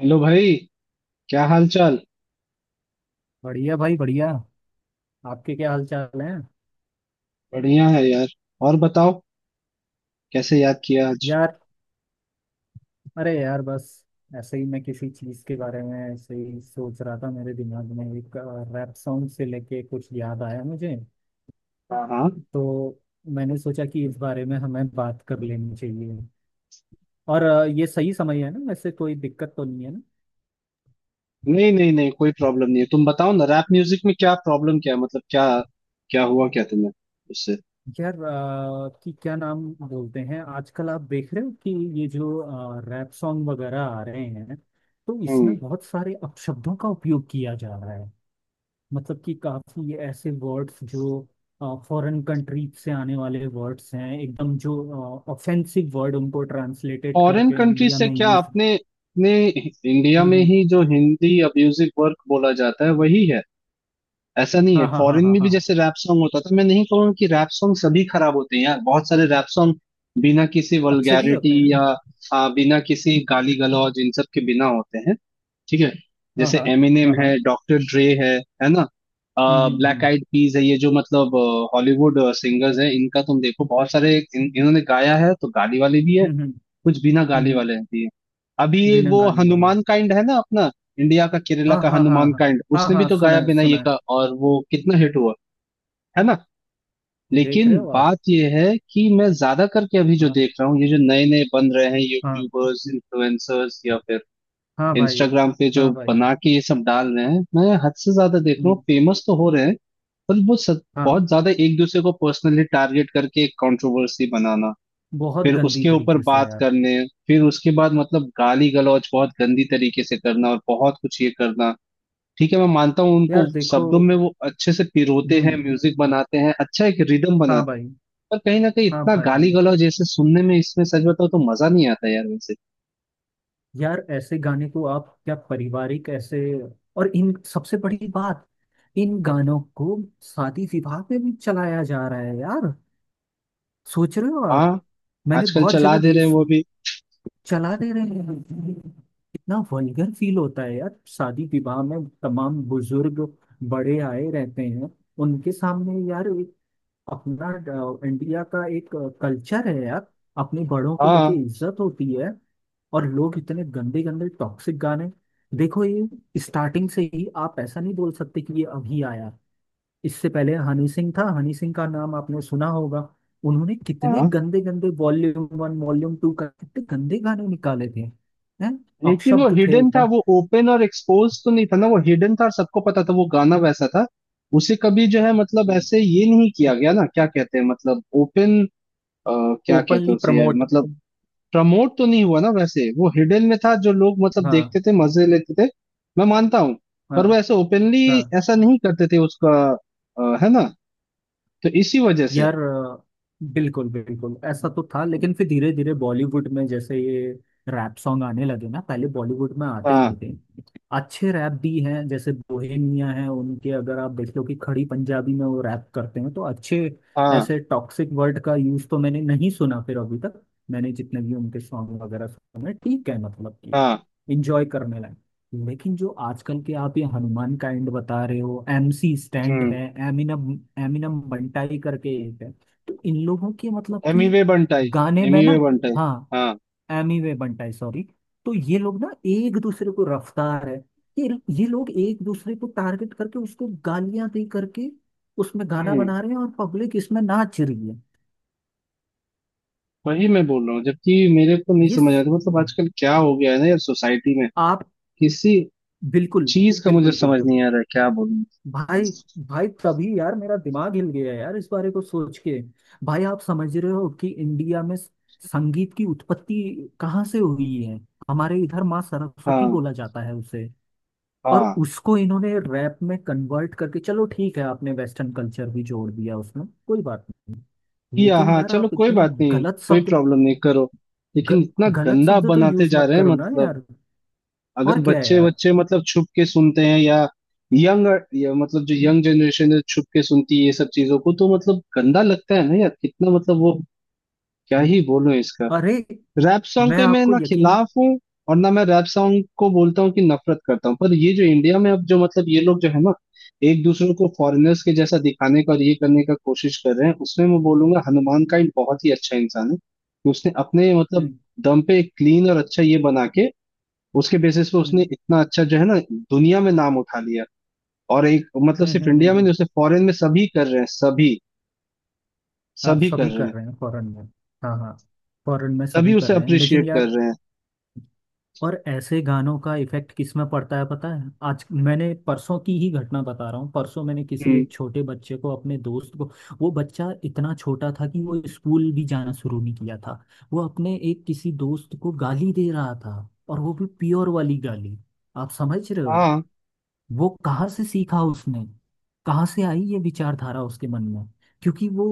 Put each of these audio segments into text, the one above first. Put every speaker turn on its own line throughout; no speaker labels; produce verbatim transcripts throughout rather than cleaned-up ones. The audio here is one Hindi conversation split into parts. हेलो भाई। क्या हाल चाल।
बढ़िया भाई बढ़िया। आपके क्या हाल चाल है।
बढ़िया है यार। और बताओ। कैसे याद किया आज।
यार अरे यार बस ऐसे ही मैं किसी चीज़ के बारे में ऐसे ही सोच रहा था, मेरे दिमाग में एक रैप सॉन्ग से लेके कुछ याद आया मुझे।
हाँ हाँ।
तो मैंने सोचा कि इस बारे में हमें बात कर लेनी चाहिए। और अ, ये सही समय है ना, वैसे कोई दिक्कत तो नहीं है ना।
नहीं नहीं नहीं, कोई प्रॉब्लम नहीं है। तुम बताओ ना, रैप म्यूजिक में क्या प्रॉब्लम क्या है? मतलब क्या क्या हुआ, क्या तुम्हें उससे।
यार अ, कि क्या नाम बोलते हैं, आजकल आप देख रहे हो कि ये जो रैप सॉन्ग वगैरह आ रहे हैं तो
हम्म।
इसमें बहुत सारे अपशब्दों का उपयोग किया जा रहा है। मतलब कि काफी ऐसे वर्ड्स जो फॉरेन कंट्रीज से आने वाले वर्ड्स हैं एकदम, जो ऑफेंसिव वर्ड उनको ट्रांसलेटेड
फॉरेन
करके
कंट्री
इंडिया
से
में
क्या,
यूज।
अपने अपने इंडिया
हम्म।
में
हम्म।
ही जो हिंदी म्यूजिक वर्क बोला जाता है वही है। ऐसा नहीं है,
हाँ हाँ हाँ
फॉरेन
हाँ
में भी
हाँ।
जैसे रैप सॉन्ग होता था। मैं नहीं कहूंगा कि रैप सॉन्ग सभी खराब होते हैं यार। बहुत सारे रैप सॉन्ग बिना किसी
अच्छे भी
वल्गैरिटी
होते हैं।
या आ, बिना किसी गाली गलौज, इन सब के बिना होते हैं। ठीक है।
हाँ
जैसे
हाँ
एमिनेम
हाँ हाँ।
है, डॉक्टर ड्रे है। है ना।
हम्म हम्म
ब्लैक
हम्म
आइड पीज है, ये जो मतलब हॉलीवुड सिंगर्स हैं। इनका तुम देखो, बहुत सारे इन, इन्होंने गाया है, तो गाली वाले भी है,
हम्म। हम्म
कुछ बिना
हम्म।
गाली
हम्म।
वाले रहती है। अभी ये
बिना
वो
गाली वाले।
हनुमान काइंड है ना अपना, इंडिया का केरला
हाँ
का
हाँ हाँ
हनुमान
हाँ।
काइंड,
हाँ
उसने भी
हाँ
तो
सुना
गाया
है
बिना ये
सुना है।
का, और वो कितना हिट हुआ। है ना।
देख
लेकिन
रहे हो आप।
बात ये है कि मैं ज्यादा करके अभी जो
हाँ।
देख रहा हूँ, ये जो नए नए बन रहे हैं
हाँ
यूट्यूबर्स इन्फ्लुएंसर्स या फिर
हाँ भाई।
इंस्टाग्राम पे जो
हाँ भाई।
बना के ये सब डाल रहे हैं, मैं हद से ज्यादा देख रहा हूँ।
हम्म।
फेमस तो हो रहे हैं, पर वो सब
हाँ,
बहुत ज्यादा एक दूसरे को पर्सनली टारगेट करके एक कंट्रोवर्सी बनाना,
बहुत
फिर
गंदी
उसके ऊपर
तरीके से
बात
यार।
करने, फिर उसके बाद मतलब गाली गलौज बहुत गंदी तरीके से करना, और बहुत कुछ ये करना। ठीक है, मैं मानता हूँ
यार
उनको
देखो।
शब्दों में वो अच्छे से पिरोते
हम्म।
हैं, म्यूजिक बनाते हैं, अच्छा एक रिदम
हाँ
बनाते हैं,
भाई।
पर कहीं ना कहीं
हाँ
इतना गाली
भाई।
गलौज जैसे सुनने में, इसमें सच बताओ तो मजा नहीं आता यार वैसे।
यार ऐसे गाने को आप क्या पारिवारिक ऐसे, और इन सबसे बड़ी बात, इन गानों को शादी विवाह में भी चलाया जा रहा है यार। सोच रहे हो
हाँ।
आप। मैंने
आजकल
बहुत
चला
जगह
दे रहे हैं
देश।
वो भी।
चला दे रहे हैं। कितना वल्गर फील होता है यार, शादी विवाह में तमाम बुजुर्ग बड़े आए रहते हैं। उनके सामने यार एक अपना अ, इंडिया का एक कल्चर है यार, अपने बड़ों को लेके
हाँ
इज्जत होती है। और लोग इतने गंदे गंदे टॉक्सिक गाने। देखो, ये स्टार्टिंग से ही आप ऐसा नहीं बोल सकते कि ये अभी आया। इससे पहले हनी सिंह था, हनी सिंह का नाम आपने सुना होगा। उन्होंने कितने
हाँ,
गंदे गंदे वॉल्यूम वन वॉल्यूम टू का कितने गंदे गाने निकाले थे। हैं।
लेकिन वो
अपशब्द थे
हिडन था,
एकदम।
वो ओपन और एक्सपोज तो नहीं था ना। वो हिडन था, और सबको पता था वो गाना वैसा था। उसे कभी जो है मतलब ऐसे ये नहीं किया गया ना, क्या कहते हैं मतलब ओपन। अ, क्या कहते हैं
ओपनली
उसे यार
प्रमोट।
मतलब। प्रमोट तो नहीं हुआ ना, वैसे वो हिडन में था। जो लोग मतलब
हाँ
देखते थे, मजे लेते थे, मैं मानता हूँ।
हाँ
पर वो ऐसे ओपनली
हाँ।
ऐसा नहीं करते थे उसका। अ, है ना। तो इसी वजह से।
यार अ, बिल्कुल बिल्कुल ऐसा तो था लेकिन फिर धीरे धीरे बॉलीवुड में जैसे ये रैप सॉन्ग आने लगे ना, पहले बॉलीवुड में आते
हाँ
नहीं थे। अच्छे रैप भी हैं, जैसे बोहेमिया है, उनके अगर आप देख लो कि खड़ी पंजाबी में वो रैप करते हैं तो अच्छे।
हाँ
ऐसे टॉक्सिक वर्ड का यूज तो मैंने नहीं सुना फिर अभी तक। मैंने जितने भी उनके सॉन्ग वगैरह सुने ठीक है, मतलब कि
हाँ।
इंजॉय करने लायक। लेकिन जो आजकल के आप ये हनुमान काइंड बता रहे हो, एम सी स्टैंड है,
हम्म।
एमिनम एमिनम बंटाई करके एक है, तो इन लोगों के मतलब कि
एमिवे बंटाई,
गाने में
एमिवे
ना।
बंटाई।
हाँ।
हाँ।
एमी वे बंटाई सॉरी। तो ये लोग ना एक दूसरे को, रफ्तार है, ये ये लोग एक दूसरे को टारगेट करके उसको गालियां दे करके उसमें गाना
हम्म।
बना रहे हैं और पब्लिक इसमें नाच रही है।
वही मैं बोल रहा हूँ, जबकि मेरे को नहीं
ये
समझ
स-
आता। मतलब आजकल क्या हो गया है ना यार सोसाइटी में।
आप।
किसी
बिल्कुल
चीज का मुझे
बिल्कुल।
समझ
बिल्कुल
नहीं आ रहा है, क्या बोलूं।
भाई। भाई तभी यार मेरा दिमाग हिल गया यार इस बारे को सोच के। भाई आप समझ रहे हो कि इंडिया में स- संगीत की उत्पत्ति कहाँ से हुई है। हमारे इधर माँ सरस्वती
हाँ
बोला जाता है उसे। और
हाँ।
उसको इन्होंने रैप में कन्वर्ट करके, चलो ठीक है, आपने वेस्टर्न कल्चर भी जोड़ दिया उसमें कोई बात नहीं,
किया,
लेकिन
हाँ
यार
चलो
आप
कोई
इतने
बात नहीं,
गलत
कोई
शब्द,
प्रॉब्लम नहीं, करो।
ग,
लेकिन इतना
गलत
गंदा
शब्द तो
बनाते
यूज
जा
मत
रहे हैं
करो ना
मतलब।
यार।
अगर
और क्या है
बच्चे
यार।
बच्चे मतलब छुप के सुनते हैं या यंग, या मतलब जो यंग जनरेशन है छुप के सुनती है ये सब चीजों को, तो मतलब गंदा लगता है ना यार, कितना मतलब वो, क्या ही बोलूं इसका।
अरे।
रैप सॉन्ग
मैं
के मैं
आपको
ना
यकीन।
खिलाफ हूँ, और ना मैं रैप सॉन्ग को बोलता हूँ कि नफरत करता हूँ, पर ये जो इंडिया में अब जो मतलब ये लोग जो है ना, एक दूसरे को फॉरेनर्स के जैसा दिखाने का और ये करने का कोशिश कर रहे हैं, उसमें मैं बोलूंगा हनुमान काइंड बहुत ही अच्छा इंसान है कि उसने अपने मतलब
हम्म
दम पे एक क्लीन और अच्छा ये बना के, उसके बेसिस पे उसने
हम्म
इतना अच्छा जो है ना दुनिया में नाम उठा लिया। और एक मतलब
हम्म
सिर्फ
हम्म हम्म
इंडिया में
हम्म।
नहीं, उसे फॉरेन में सभी कर रहे हैं, सभी
हाँ
सभी कर
सभी
रहे
कर
हैं,
रहे हैं फॉरेन में। हाँ हाँ। फॉरेन में
सभी
सभी कर
उसे
रहे हैं लेकिन
अप्रिशिएट कर
यार।
रहे हैं।
और ऐसे गानों का इफेक्ट किस में पड़ता है पता है। आज मैंने, परसों की ही घटना बता रहा हूँ, परसों मैंने किसी
हम्म।
एक छोटे बच्चे को अपने दोस्त को। वो बच्चा इतना छोटा था कि वो स्कूल भी जाना शुरू नहीं किया था। वो अपने एक किसी दोस्त को गाली दे रहा था। और वो भी प्योर वाली गाली। आप समझ रहे हो।
हाँ।
वो कहाँ से सीखा उसने। कहाँ से आई ये विचारधारा उसके मन में। क्योंकि वो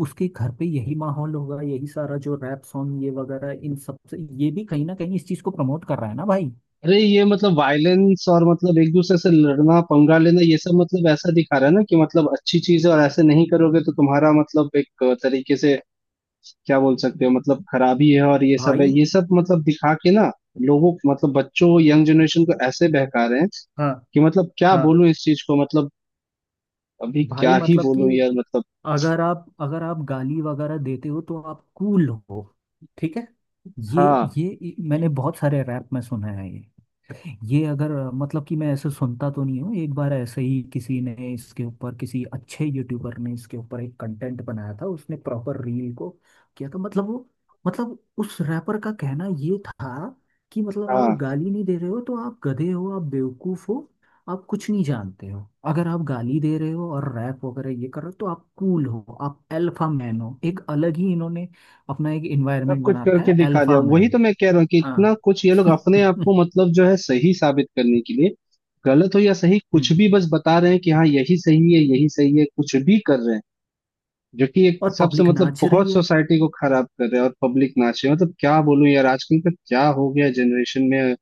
उसके घर पे यही माहौल होगा, यही सारा जो रैप सॉन्ग ये वगैरह इन सब से ये भी कहीं ना कहीं इस चीज को प्रमोट कर रहा है ना भाई।
अरे ये मतलब वायलेंस और मतलब एक दूसरे से लड़ना पंगा लेना, ये सब मतलब ऐसा दिखा रहा है ना कि मतलब अच्छी चीज है, और ऐसे नहीं करोगे तो तुम्हारा मतलब एक तरीके से क्या बोल सकते हो मतलब खराबी है, और ये सब
भाई।
है, ये सब मतलब दिखा के ना लोगों मतलब बच्चों, यंग जनरेशन को ऐसे बहका रहे हैं
हाँ।
कि मतलब क्या
हाँ
बोलूं इस चीज को मतलब, अभी
भाई
क्या ही
मतलब कि
बोलूं यार मतलब।
अगर आप अगर आप गाली वगैरह देते हो तो आप कूल हो। ठीक है। ये
हाँ
ये मैंने बहुत सारे रैप में सुना है ये। ये अगर मतलब कि मैं ऐसे सुनता तो नहीं हूँ, एक बार ऐसे ही किसी ने इसके ऊपर, किसी अच्छे यूट्यूबर ने इसके ऊपर एक कंटेंट बनाया था, उसने प्रॉपर रील को किया था मतलब वो, मतलब उस रैपर का कहना ये था कि मतलब आप
हाँ।
गाली नहीं दे रहे हो तो आप गधे हो, आप बेवकूफ हो, आप कुछ नहीं जानते हो। अगर आप गाली दे रहे हो और रैप वगैरह ये कर रहे हो तो आप कूल हो, आप अल्फा मैन हो। एक अलग ही इन्होंने अपना एक
सब
इन्वायरमेंट
कुछ
बना रखा
करके
है,
दिखा दिया,
अल्फा
वही
मैन।
तो मैं कह रहा हूँ कि इतना
हाँ
कुछ ये लोग अपने आप को मतलब जो है सही साबित करने के लिए, गलत हो या सही कुछ
हम्म।
भी, बस बता रहे हैं कि हाँ यही सही है यही सही है, कुछ भी कर रहे हैं। जो कि एक
और
हिसाब से
पब्लिक
मतलब
नाच रही
बहुत
है।
सोसाइटी को खराब कर रहे हैं, और पब्लिक नाच रही है, मतलब क्या बोलूं यार, आजकल का क्या हो गया जनरेशन में।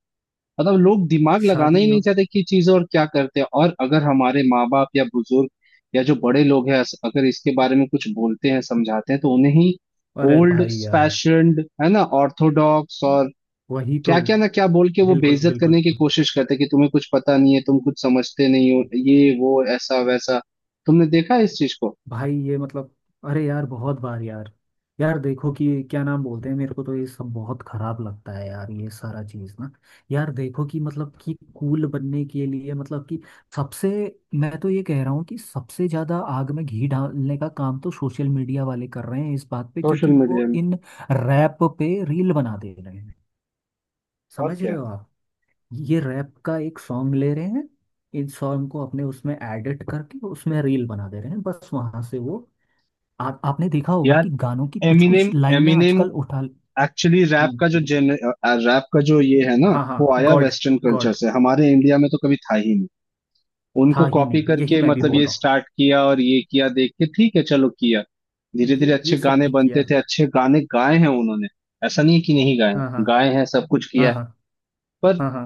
मतलब लोग दिमाग लगाना ही
शादी
नहीं
हो।
चाहते कि चीज और क्या करते हैं। और अगर हमारे माँ बाप या बुजुर्ग या जो बड़े लोग हैं अस- अगर इसके बारे में कुछ बोलते हैं, समझाते हैं, तो उन्हें ही
अरे
ओल्ड
भाई यार।
फैशन्ड है ना, ऑर्थोडॉक्स और
वही तो।
क्या क्या ना क्या बोल के वो
बिल्कुल
बेइज्जत
बिल्कुल।
करने की कोशिश करते हैं कि तुम्हें कुछ पता नहीं है, तुम कुछ समझते नहीं हो, ये वो ऐसा वैसा। तुमने देखा है इस चीज को
भाई ये मतलब। अरे यार बहुत बार यार। यार देखो कि क्या नाम बोलते हैं, मेरे को तो ये सब बहुत खराब लगता है यार, ये सारा चीज ना। यार देखो कि मतलब कि कूल बनने के लिए मतलब कि सबसे, मैं तो ये कह रहा हूँ कि सबसे ज्यादा आग में घी डालने का काम तो सोशल मीडिया वाले कर रहे हैं इस बात पे,
सोशल
क्योंकि
मीडिया
वो
में,
इन रैप पे रील बना दे रहे हैं।
और
समझ
क्या।
रहे हो आप। ये रैप का एक सॉन्ग ले रहे हैं, इस सॉन्ग को अपने उसमें एडिट करके उसमें रील बना दे रहे हैं, बस वहां से वो आ, आपने देखा होगा
यार
कि गानों की कुछ कुछ
एमिनेम,
लाइनें
एमिनेम
आजकल उठा।
एक्चुअली रैप का जो,
हम्म।
जेन रैप का जो ये है ना,
हाँ हाँ
वो आया
गॉड।
वेस्टर्न कल्चर
गॉड
से, हमारे इंडिया में तो कभी था ही नहीं। उनको
था ही
कॉपी
नहीं, यही
करके
मैं भी
मतलब
बोल
ये
रहा
स्टार्ट किया, और ये किया देख के, ठीक है चलो किया।
हूँ,
धीरे धीरे
ये
अच्छे
ये सब
गाने
ठीक
बनते
किया।
थे, अच्छे गाने गाए हैं उन्होंने। ऐसा नहीं है कि नहीं गाए
हाँ
हैं।
हाँ
गाए हैं, सब कुछ किया
हाँ
है। पर
हाँ हाँ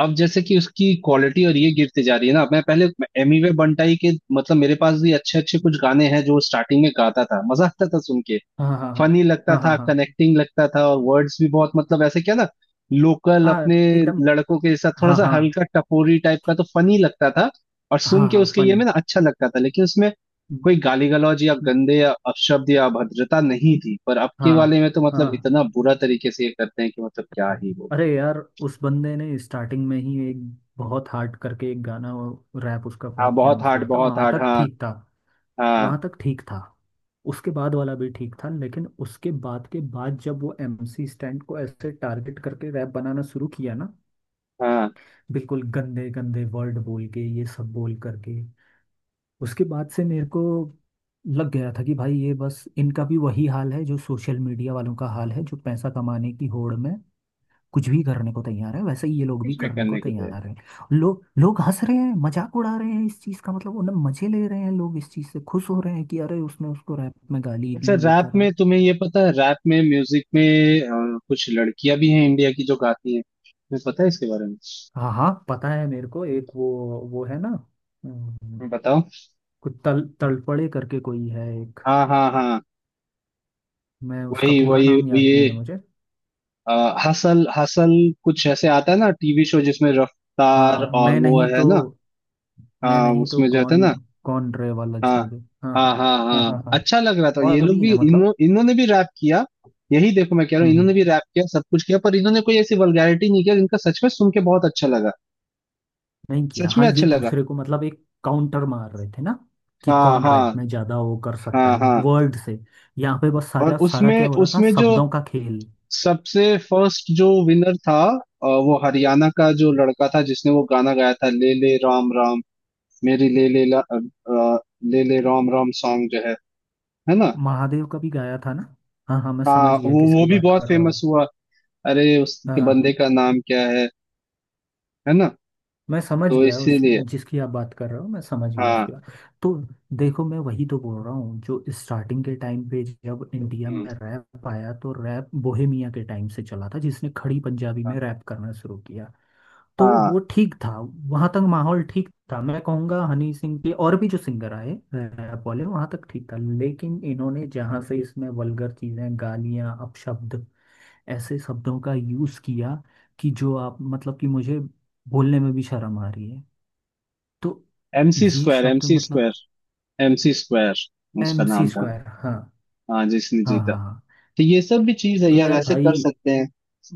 अब जैसे कि उसकी क्वालिटी और ये गिरती जा रही है ना। मैं पहले एमिवे बंटाई के मतलब, मेरे पास भी अच्छे अच्छे कुछ गाने हैं जो स्टार्टिंग में गाता था, मजा आता था सुन के,
हाँ हाँ हाँ
फनी लगता
हाँ हाँ
था,
हाँ
कनेक्टिंग लगता था, और वर्ड्स भी बहुत मतलब ऐसे क्या ना, लोकल
हाँ हाँ
अपने
एकदम।
लड़कों के साथ थोड़ा
हाँ
सा
हाँ
हल्का टपोरी टाइप का, तो फनी लगता था। और सुन
हाँ
के
हाँ
उसके ये में
फनी।
ना अच्छा लगता था, लेकिन उसमें कोई गाली गलौज या गंदे या अपशब्द या अभद्रता नहीं थी। पर अब के
हाँ
वाले में तो
हाँ
मतलब इतना बुरा तरीके से ये करते हैं कि मतलब क्या ही बोलूं।
अरे यार उस बंदे ने स्टार्टिंग में ही एक बहुत हार्ड करके एक गाना, रैप उसका
हाँ
बहुत
बहुत
फेमस
हार्ड,
हुआ था,
बहुत
वहां
हार्ड,
तक
हाँ।
ठीक था।
हाँ
वहां तक ठीक था, उसके बाद वाला भी ठीक था, लेकिन उसके बाद के बाद जब वो एम सी स्टैंड को ऐसे टारगेट करके रैप बनाना शुरू किया ना,
हाँ।
बिल्कुल गंदे गंदे वर्ड बोल के ये सब बोल करके उसके बाद से मेरे को लग गया था कि भाई ये बस इनका भी वही हाल है जो सोशल मीडिया वालों का हाल है, जो पैसा कमाने की होड़ में कुछ भी करने को तैयार है वैसे ही ये लोग भी
कुछ भी
करने को
करने को तैयार।
तैयार हैं। लोग लोग हंस रहे हैं, मजाक उड़ा रहे हैं इस चीज का, मतलब उन्हें मजे ले रहे हैं, लोग इस चीज से खुश हो रहे हैं कि अरे उसने उसको रैप में गाली दी
अच्छा,
ये
रात
करा।
में तुम्हें ये पता है, रात में म्यूजिक में अ, कुछ लड़कियां भी हैं इंडिया की जो गाती हैं, तुम्हें पता है इसके बारे में।
हाँ हाँ पता है मेरे को, एक वो वो है ना। अम,
बताओ।
कुछ तल तलपड़े करके कोई है एक।
हाँ हाँ हाँ।
मैं उसका
वही
पूरा
वही।
नाम याद
ये
नहीं है मुझे।
अ, हसल हसल कुछ ऐसे आता है ना टीवी शो, जिसमें रफ्तार
हाँ।
और
मैं
वो
नहीं
है
तो।
ना।
मैं
हाँ,
नहीं तो
उसमें जो होता है
कौन।
ना।
कौन रे वाला
हाँ
था जो, हाँ
हाँ
हाँ
हाँ
हाँ।
हाँ,
हाँ हाँ।
अच्छा लग रहा था। ये
और
लोग
भी
भी
है
इन्हों
मतलब।
इन्होंने भी रैप किया। यही देखो मैं कह रहा हूँ,
हम्म हम्म।
इन्होंने भी रैप किया, सब कुछ किया, पर इन्होंने कोई ऐसी वल्गैरिटी नहीं किया, जिनका सच में सुन के बहुत अच्छा लगा,
नहीं किया
सच में
हाँ, ये
अच्छा लगा।
दूसरे को मतलब एक काउंटर मार रहे थे ना, कि
हाँ
कौन रैप
हाँ
में ज्यादा वो कर सकता
हाँ
है।
हाँ।
वर्ड से। यहाँ पे बस
और
सारा सारा क्या
उसमें
हो रहा था,
उसमें जो
शब्दों का खेल।
सबसे फर्स्ट जो विनर था, अ, वो हरियाणा का जो लड़का था जिसने वो गाना गाया था, ले ले राम राम, मेरी ले ले ला, अ, अ, ले ले राम राम सॉन्ग जो है। है ना।
महादेव का भी गाया था ना। हाँ हाँ मैं
हाँ,
समझ गया
वो वो
किसकी
भी
बात
बहुत
कर रहे हो
फेमस
आप।
हुआ। अरे
हाँ
उसके
हाँ।
बंदे का नाम क्या है। है ना।
मैं समझ
तो
गया उस
इसीलिए।
जिसकी आप बात कर रहे हो, मैं समझ गया उसकी
हाँ।
बात। तो देखो, मैं वही तो बोल रहा हूँ, जो स्टार्टिंग के टाइम पे जब इंडिया
हम्म।
में रैप आया तो रैप बोहेमिया के टाइम से चला था, जिसने खड़ी पंजाबी में रैप करना शुरू किया, तो वो
हाँ।
ठीक था। वहां तक माहौल ठीक था, मैं कहूंगा हनी सिंह के और भी जो सिंगर आए अ, बोले, वहां तक ठीक था। लेकिन इन्होंने जहां से इसमें वल्गर चीजें, गालियां, अपशब्द, ऐसे शब्दों का यूज किया कि जो आप, मतलब कि मुझे बोलने में भी शर्म आ रही है। तो
एमसी
ये
स्क्वायर,
शब्द
एमसी
मतलब,
स्क्वायर, एमसी स्क्वायर उसका
एम सी
नाम था।
स्क्वायर, हाँ।
हाँ, जिसने
हाँ
जीता।
हाँ हाँ।
तो ये सब भी चीज है
तो
यार,
यार
ऐसे कर
भाई,
सकते हैं,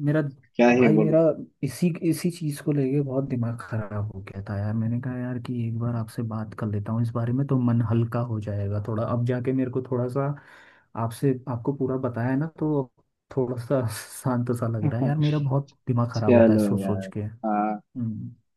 मेरा
क्या ही
भाई, मेरा
बोलो।
इसी इसी चीज को लेके बहुत दिमाग खराब हो गया था यार। मैंने कहा यार कि एक बार आपसे बात कर लेता हूँ इस बारे में तो मन हल्का हो जाएगा थोड़ा, अब जाके मेरे को थोड़ा सा आपसे आपको पूरा बताया ना, तो थोड़ा सा शांत सा लग रहा है यार। मेरा बहुत दिमाग खराब होता है
चलो
सोच सोच
यार।
के।
हाँ।
हम्म।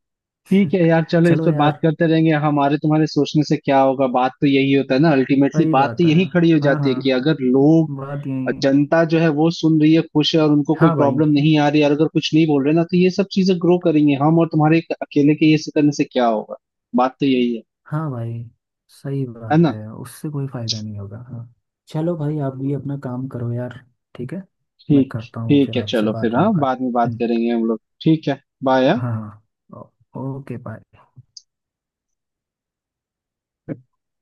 ठीक है यार, चलो इस
चलो
पे बात
यार।
करते रहेंगे, हमारे तुम्हारे सोचने से क्या होगा, बात तो यही होता है ना। अल्टीमेटली
सही
बात तो
बात है।
यही खड़ी हो
हाँ
जाती है
हाँ।
कि अगर लोग,
बात यही है।
जनता जो है वो सुन रही है, खुश है, और उनको कोई
हाँ भाई।
प्रॉब्लम नहीं आ रही है, और अगर कुछ नहीं बोल रहे ना, तो ये सब चीजें ग्रो करेंगे, हम और तुम्हारे एक अकेले के ये से करने से क्या होगा, बात तो यही है।
हाँ भाई सही
है
बात
ना।
है, उससे कोई फायदा नहीं होगा, हाँ। चलो भाई आप भी अपना काम करो यार, ठीक है। मैं
ठीक।
करता हूँ,
ठीक
फिर
है,
आपसे
चलो
बाद
फिर,
में
हाँ
बात।
बाद में बात
हम्म।
करेंगे हम लोग, ठीक है, बाय।
हाँ हाँ। ओ- ओके बाय।